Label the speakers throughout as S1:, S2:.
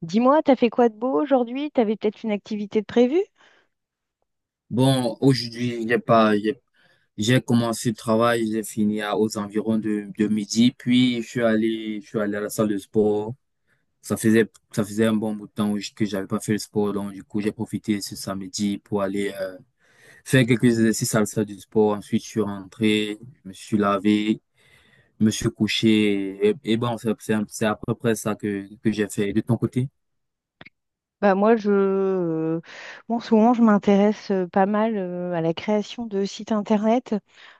S1: Dis-moi, t'as fait quoi de beau aujourd'hui? T'avais peut-être une activité de prévue?
S2: Bon, aujourd'hui, j'ai pas, j'ai commencé le travail, j'ai fini à- aux environs de midi, puis je suis allé à la salle de sport. Ça faisait un bon bout de temps que j'avais pas fait le sport, donc du coup, j'ai profité ce samedi pour aller faire quelques exercices à la salle du sport. Ensuite, je suis rentré, je me suis lavé, je me suis couché, et, bon, c'est à peu près ça que j'ai fait. De ton côté?
S1: Bah moi, en ce moment, je m'intéresse pas mal, à la création de sites internet.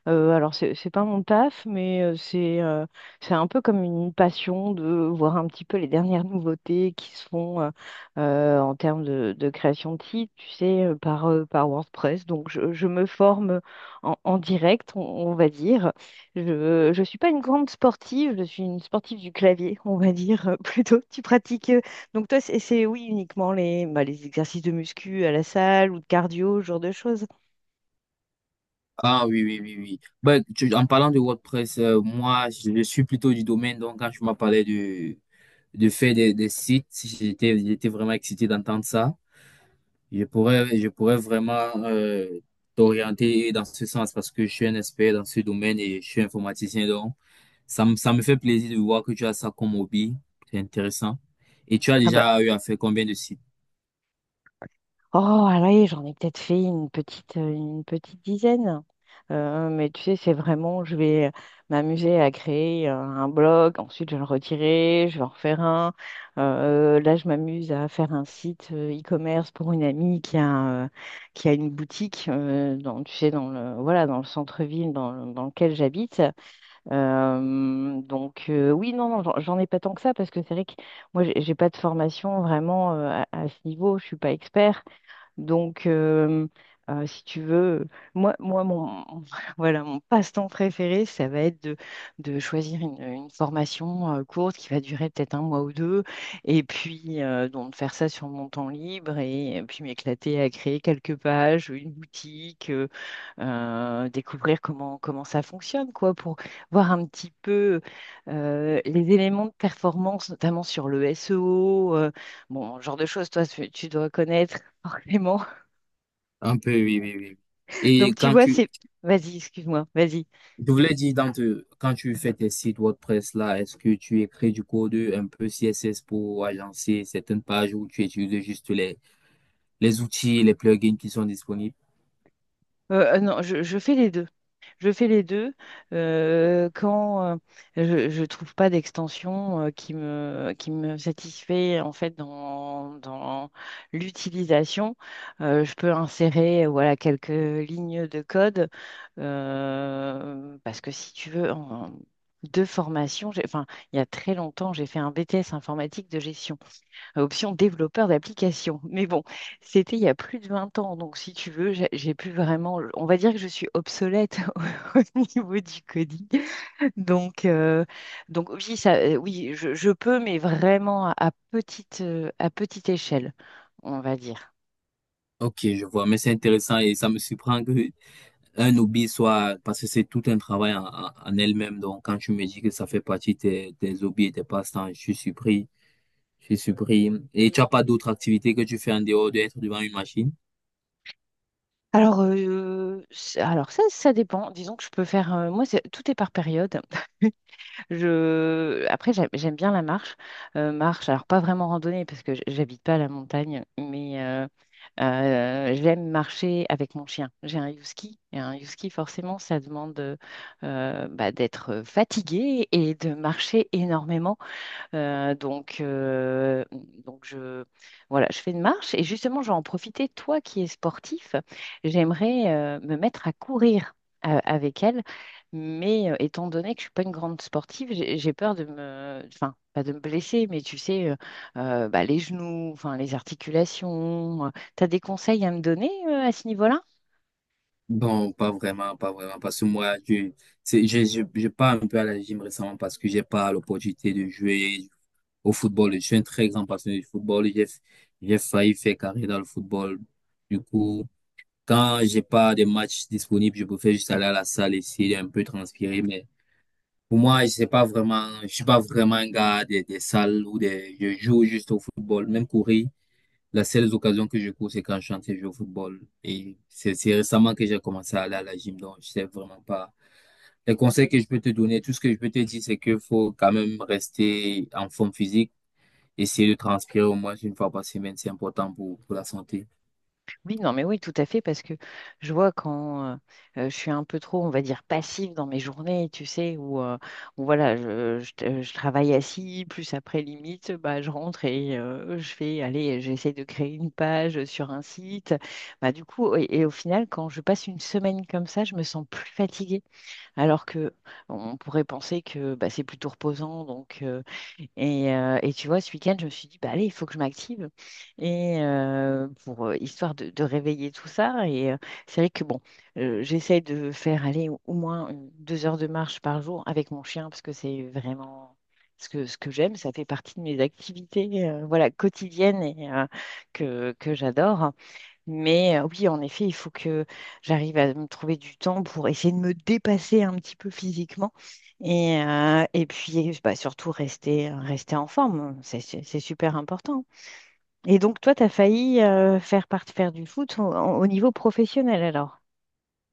S1: Alors, c'est pas mon taf, mais c'est un peu comme une passion de voir un petit peu les dernières nouveautés qui se font en termes de création de sites, tu sais, par WordPress. Donc, je me forme en direct, on va dire. Je suis pas une grande sportive, je suis une sportive du clavier, on va dire, plutôt. Tu pratiques donc toi, oui, uniquement les, bah, les exercices de muscu à la salle ou de cardio, ce genre de choses.
S2: Ah oui, oui, oui, oui. Ben, tu- en parlant de WordPress, moi, je suis plutôt du domaine, donc quand tu m'as parlé de faire des sites, si j'étais vraiment excité d'entendre ça. Je pourrais vraiment euh, t'orienter dans ce sens parce que je suis un expert dans ce domaine et je suis informaticien, donc ça me fait plaisir de voir que tu as ça comme hobby. C'est intéressant. Et tu as
S1: Ah bah,
S2: déjà eu à faire combien de sites?
S1: oh allez, j'en ai peut-être fait une petite dizaine. Mais tu sais, c'est vraiment, je vais m'amuser à créer un blog, ensuite je vais le retirer, je vais en refaire un. Là, je m'amuse à faire un site e-commerce pour une amie qui a une boutique dans, tu sais, dans le, voilà, dans le centre-ville dans lequel j'habite. Oui, non, non, j'en ai pas tant que ça parce que c'est vrai que moi j'ai pas de formation vraiment à ce niveau, je suis pas expert. Donc, si tu veux, moi, moi mon, voilà, mon passe-temps préféré, ça va être de choisir une formation courte qui va durer peut-être un mois ou deux, et puis donc faire ça sur mon temps libre, et puis m'éclater à créer quelques pages, une boutique, découvrir comment ça fonctionne, quoi, pour voir un petit peu les éléments de performance, notamment sur le SEO, bon, genre de choses, toi, tu dois connaître forcément.
S2: Un peu, oui, oui, oui.
S1: Donc
S2: Et
S1: tu
S2: quand
S1: vois,
S2: tu,
S1: Vas-y, excuse-moi, vas-y.
S2: Je voulais dire, quand tu fais tes sites WordPress là, est-ce que tu écris du code un peu CSS pour agencer certaines pages ou tu utilises juste les outils et les plugins qui sont disponibles?
S1: Non, je fais les deux. Je fais les deux quand je ne trouve pas d'extension qui me satisfait, en fait, dans l'utilisation. Je peux insérer, voilà, quelques lignes de code parce que si tu veux, de formation, enfin, il y a très longtemps, j'ai fait un BTS informatique de gestion, option développeur d'application. Mais bon, c'était il y a plus de 20 ans, donc si tu veux, j'ai plus vraiment, on va dire que je suis obsolète au niveau du coding. Donc, euh, donc oui, ça, oui, je peux, mais vraiment à petite échelle, on va dire.
S2: Ok, je vois, mais c'est intéressant et ça me surprend que un hobby soit, parce que c'est tout un travail en en elle-même. Donc, quand tu me dis que ça fait partie de tes, tes hobbies et tes passe-temps, je suis surpris. Et tu as pas d'autres activités que tu fais en dehors d'être devant une machine?
S1: Alors, ça dépend. Disons que je peux faire, tout est par période. Après, j'aime bien la marche. Marche, alors pas vraiment randonnée parce que j'habite pas à la montagne, mais, j'aime marcher avec mon chien. J'ai un husky. Et un husky, forcément, ça demande bah, d'être fatigué et de marcher énormément. Euh, donc, euh, donc je, voilà, je fais une marche et justement, je vais en profiter. Toi qui es sportif, j'aimerais me mettre à courir avec elle, mais étant donné que je suis pas une grande sportive, j'ai peur de me, enfin, pas de me blesser, mais tu sais, bah, les genoux, enfin, les articulations. Tu as des conseils à me donner à ce niveau-là?
S2: Bon, pas vraiment, parce que moi, je, c'est, je pars un peu à la gym récemment parce que j'ai pas l'opportunité de jouer au football. Je suis un très grand passionné du football. J'ai failli faire carrière dans le football. Du coup, quand j'ai pas de matchs disponibles, je préfère juste aller à la salle, essayer d'un peu transpirer. Mais pour moi, je sais pas vraiment, je suis pas vraiment un gars des salles ou des, je joue juste au football, même courir. Les seules occasions que je cours, c'est quand je suis en train de jouer au football. Et c'est récemment que j'ai commencé à aller à la gym, donc je sais vraiment pas. Les conseils que je peux te donner, tout ce que je peux te dire, c'est qu'il faut quand même rester en forme physique, essayer de transpirer au moins une fois par semaine, c'est important pour la santé.
S1: Oui, non, mais oui, tout à fait, parce que je vois quand je suis un peu trop, on va dire, passive dans mes journées, tu sais, où voilà, je travaille assis, plus après, limite, bah, je rentre et je fais, allez, j'essaie de créer une page sur un site. Bah, du coup, et au final, quand je passe une semaine comme ça, je me sens plus fatiguée, alors que on pourrait penser que bah, c'est plutôt reposant, donc. Et tu vois, ce week-end, je me suis dit, bah allez, il faut que je m'active. Et pour Histoire de réveiller tout ça. C'est vrai que bon, j'essaie de faire aller au moins 2 heures de marche par jour avec mon chien, parce que c'est vraiment ce que j'aime. Ça fait partie de mes activités voilà, quotidiennes et que j'adore. Mais oui, en effet, il faut que j'arrive à me trouver du temps pour essayer de me dépasser un petit peu physiquement et puis bah, surtout rester en forme. C'est super important. Et donc, toi, tu as failli faire du foot au niveau professionnel alors?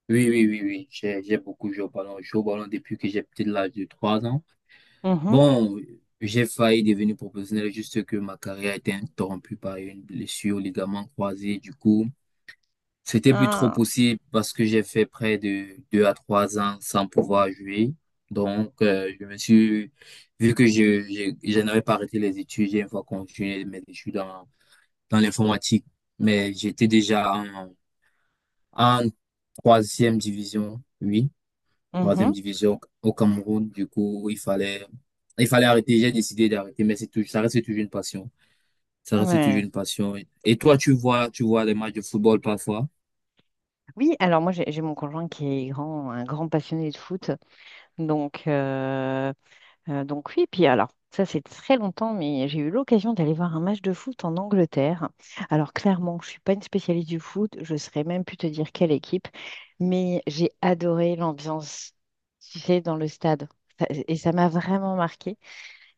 S2: Oui, oui, oui, oui, j'ai beaucoup joué au ballon. Je joue au ballon depuis que j'ai peut-être l'âge de 3 ans.
S1: Mhm.
S2: Bon, j'ai failli devenir professionnel, juste que ma carrière a été interrompue par une blessure au ligament croisé, du coup. C'était plus trop
S1: Ah,
S2: possible parce que j'ai fait près de deux à trois ans sans pouvoir jouer. Donc, vu que je n'avais pas arrêté les études, j'ai une fois continué mes études dans l'informatique. Mais j'étais déjà en troisième division, oui, troisième
S1: mhm.
S2: division au Cameroun. Du coup, il fallait arrêter. J'ai décidé d'arrêter, mais c'est tout, ça reste toujours une passion. Ça reste toujours
S1: Ouais.
S2: une passion. Et toi, tu vois les matchs de football parfois?
S1: Oui, alors moi, j'ai mon conjoint qui est grand, un grand passionné de foot. Donc, oui, puis alors, ça c'est très longtemps, mais j'ai eu l'occasion d'aller voir un match de foot en Angleterre. Alors clairement, je ne suis pas une spécialiste du foot, je ne saurais même plus te dire quelle équipe, mais j'ai adoré l'ambiance, tu sais, dans le stade. Et ça m'a vraiment marqué.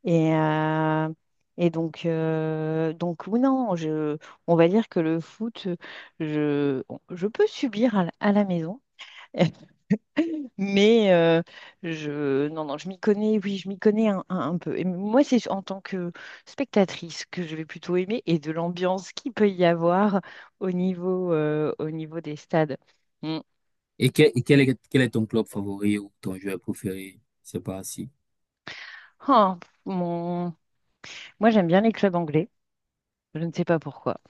S1: Et, euh, et donc oui, non, je, On va dire que le foot, je, je peux subir à la maison. Mais euh, non, non, je m'y connais, oui, je m'y connais un peu. Et moi, c'est en tant que spectatrice que je vais plutôt aimer, et de l'ambiance qu'il peut y avoir au niveau des stades. Mm.
S2: Et quel est ton club favori ou ton joueur préféré? Je sais pas si.
S1: Ah, mon... Moi, j'aime bien les clubs anglais. Je ne sais pas pourquoi.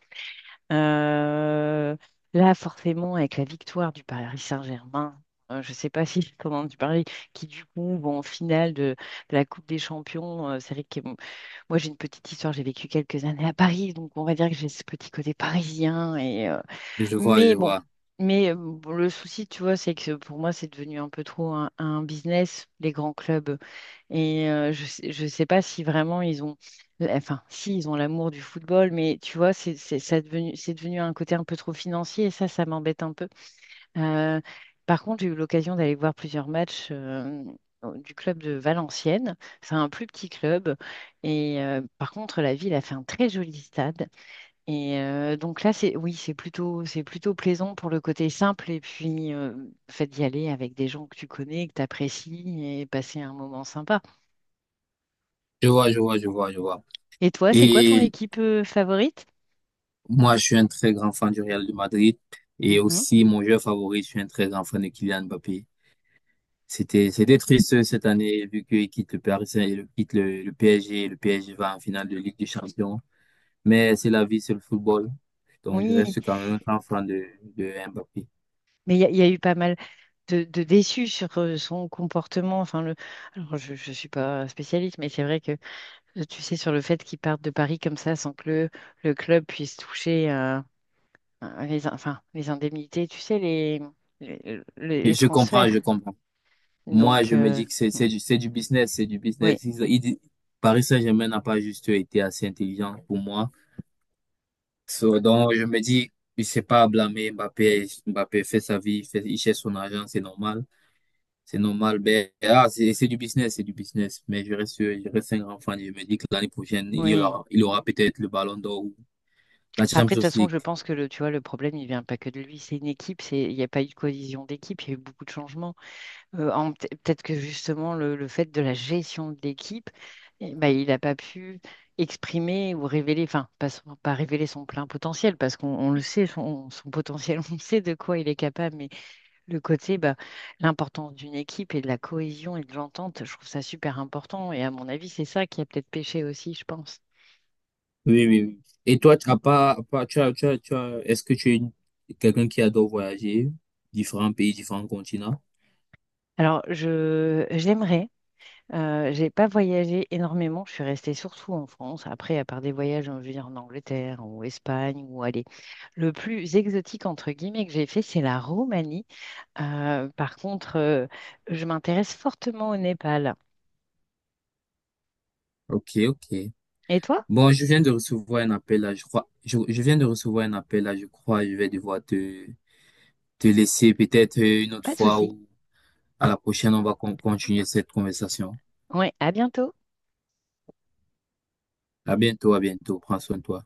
S1: Euh, Là, forcément, avec la victoire du Paris Saint-Germain, je ne sais pas si, comment tu parlais, qui du coup vont en finale de la Coupe des Champions, c'est vrai que... Moi, j'ai une petite histoire. J'ai vécu quelques années à Paris, donc on va dire que j'ai ce petit côté parisien.
S2: Je vois, je
S1: Mais bon,
S2: vois.
S1: bon, le souci, tu vois, c'est que pour moi, c'est devenu un peu trop un business, les grands clubs. Je sais pas si vraiment ils ont, enfin, si ils ont l'amour du football, mais tu vois, c'est devenu un côté un peu trop financier. Et ça m'embête un peu. Euh, Par contre, j'ai eu l'occasion d'aller voir plusieurs matchs du club de Valenciennes. C'est un plus petit club. Par contre, la ville a fait un très joli stade. Donc là, c'est, oui, c'est plutôt plaisant pour le côté simple. Et puis, le fait d'y aller avec des gens que tu connais, que tu apprécies, et passer un moment sympa.
S2: Je vois, je vois, je vois, je vois.
S1: Et toi, c'est quoi ton
S2: Et
S1: équipe favorite?
S2: moi, je suis un très grand fan du Real de Madrid. Et
S1: Mhm.
S2: aussi, mon joueur favori, je suis un très grand fan de Kylian Mbappé. C'était triste cette année, vu qu'il quitte le Paris Saint, il quitte le PSG. Le PSG va en finale de Ligue des Champions. Mais c'est la vie, c'est le football. Donc, je
S1: Oui,
S2: reste quand même un grand fan de Mbappé.
S1: mais il y a eu pas mal de déçu sur son comportement. Enfin, Alors, je ne suis pas spécialiste, mais c'est vrai que, tu sais, sur le fait qu'il parte de Paris comme ça sans que le club puisse toucher enfin, les indemnités, tu sais, les, les, les-
S2: Et
S1: les
S2: je comprends, je
S1: transferts.
S2: comprends. Moi,
S1: Donc,
S2: je me
S1: euh,
S2: dis que
S1: mm,
S2: c'est du business, c'est du
S1: oui,
S2: business. Paris Saint-Germain n'a pas juste été assez intelligent pour moi. So, donc, je me dis, je sais pas à blâmer Mbappé. Mbappé fait sa vie, il cherche son argent, c'est normal. C'est normal. Ben, ah, c'est du business, c'est du business. Mais je reste un grand fan. Je me dis que l'année prochaine,
S1: oui.
S2: il aura peut-être le Ballon d'Or ou la
S1: Après, de
S2: Champions
S1: toute façon,
S2: League.
S1: je pense que le, tu vois, le problème, il vient pas que de lui. C'est une équipe, il n'y a pas eu de cohésion d'équipe, il y a eu beaucoup de changements. Peut-être que justement, le fait de la gestion de l'équipe, eh ben, il n'a pas pu exprimer ou révéler, enfin, pas, pas révéler son plein potentiel, parce qu'on le sait, son potentiel, on sait de quoi il est capable, mais le côté, bah, l'importance d'une équipe et de la cohésion et de l'entente, je trouve ça super important. Et à mon avis, c'est ça qui a peut-être péché aussi, je pense.
S2: Oui, oui, oui. Et toi, tu as pas, à part- tu as, tu as, tu as, est-ce que tu es une- quelqu'un qui adore voyager, différents pays, différents continents?
S1: Alors, je, j'aimerais j'ai pas voyagé énormément, je suis restée surtout en France. Après, à part des voyages, je veux dire, en Angleterre ou Espagne, ou allez, le plus exotique entre guillemets que j'ai fait, c'est la Roumanie. Par contre, je m'intéresse fortement au Népal.
S2: Ok, ok.
S1: Et toi?
S2: Bon, je viens de recevoir un appel là, je crois. Je viens de recevoir un appel là, je crois. Je vais devoir te laisser peut-être une autre
S1: Pas de
S2: fois
S1: souci.
S2: ou à la prochaine, on va continuer cette conversation.
S1: Ouais, à bientôt.
S2: À bientôt, à bientôt. Prends soin de toi.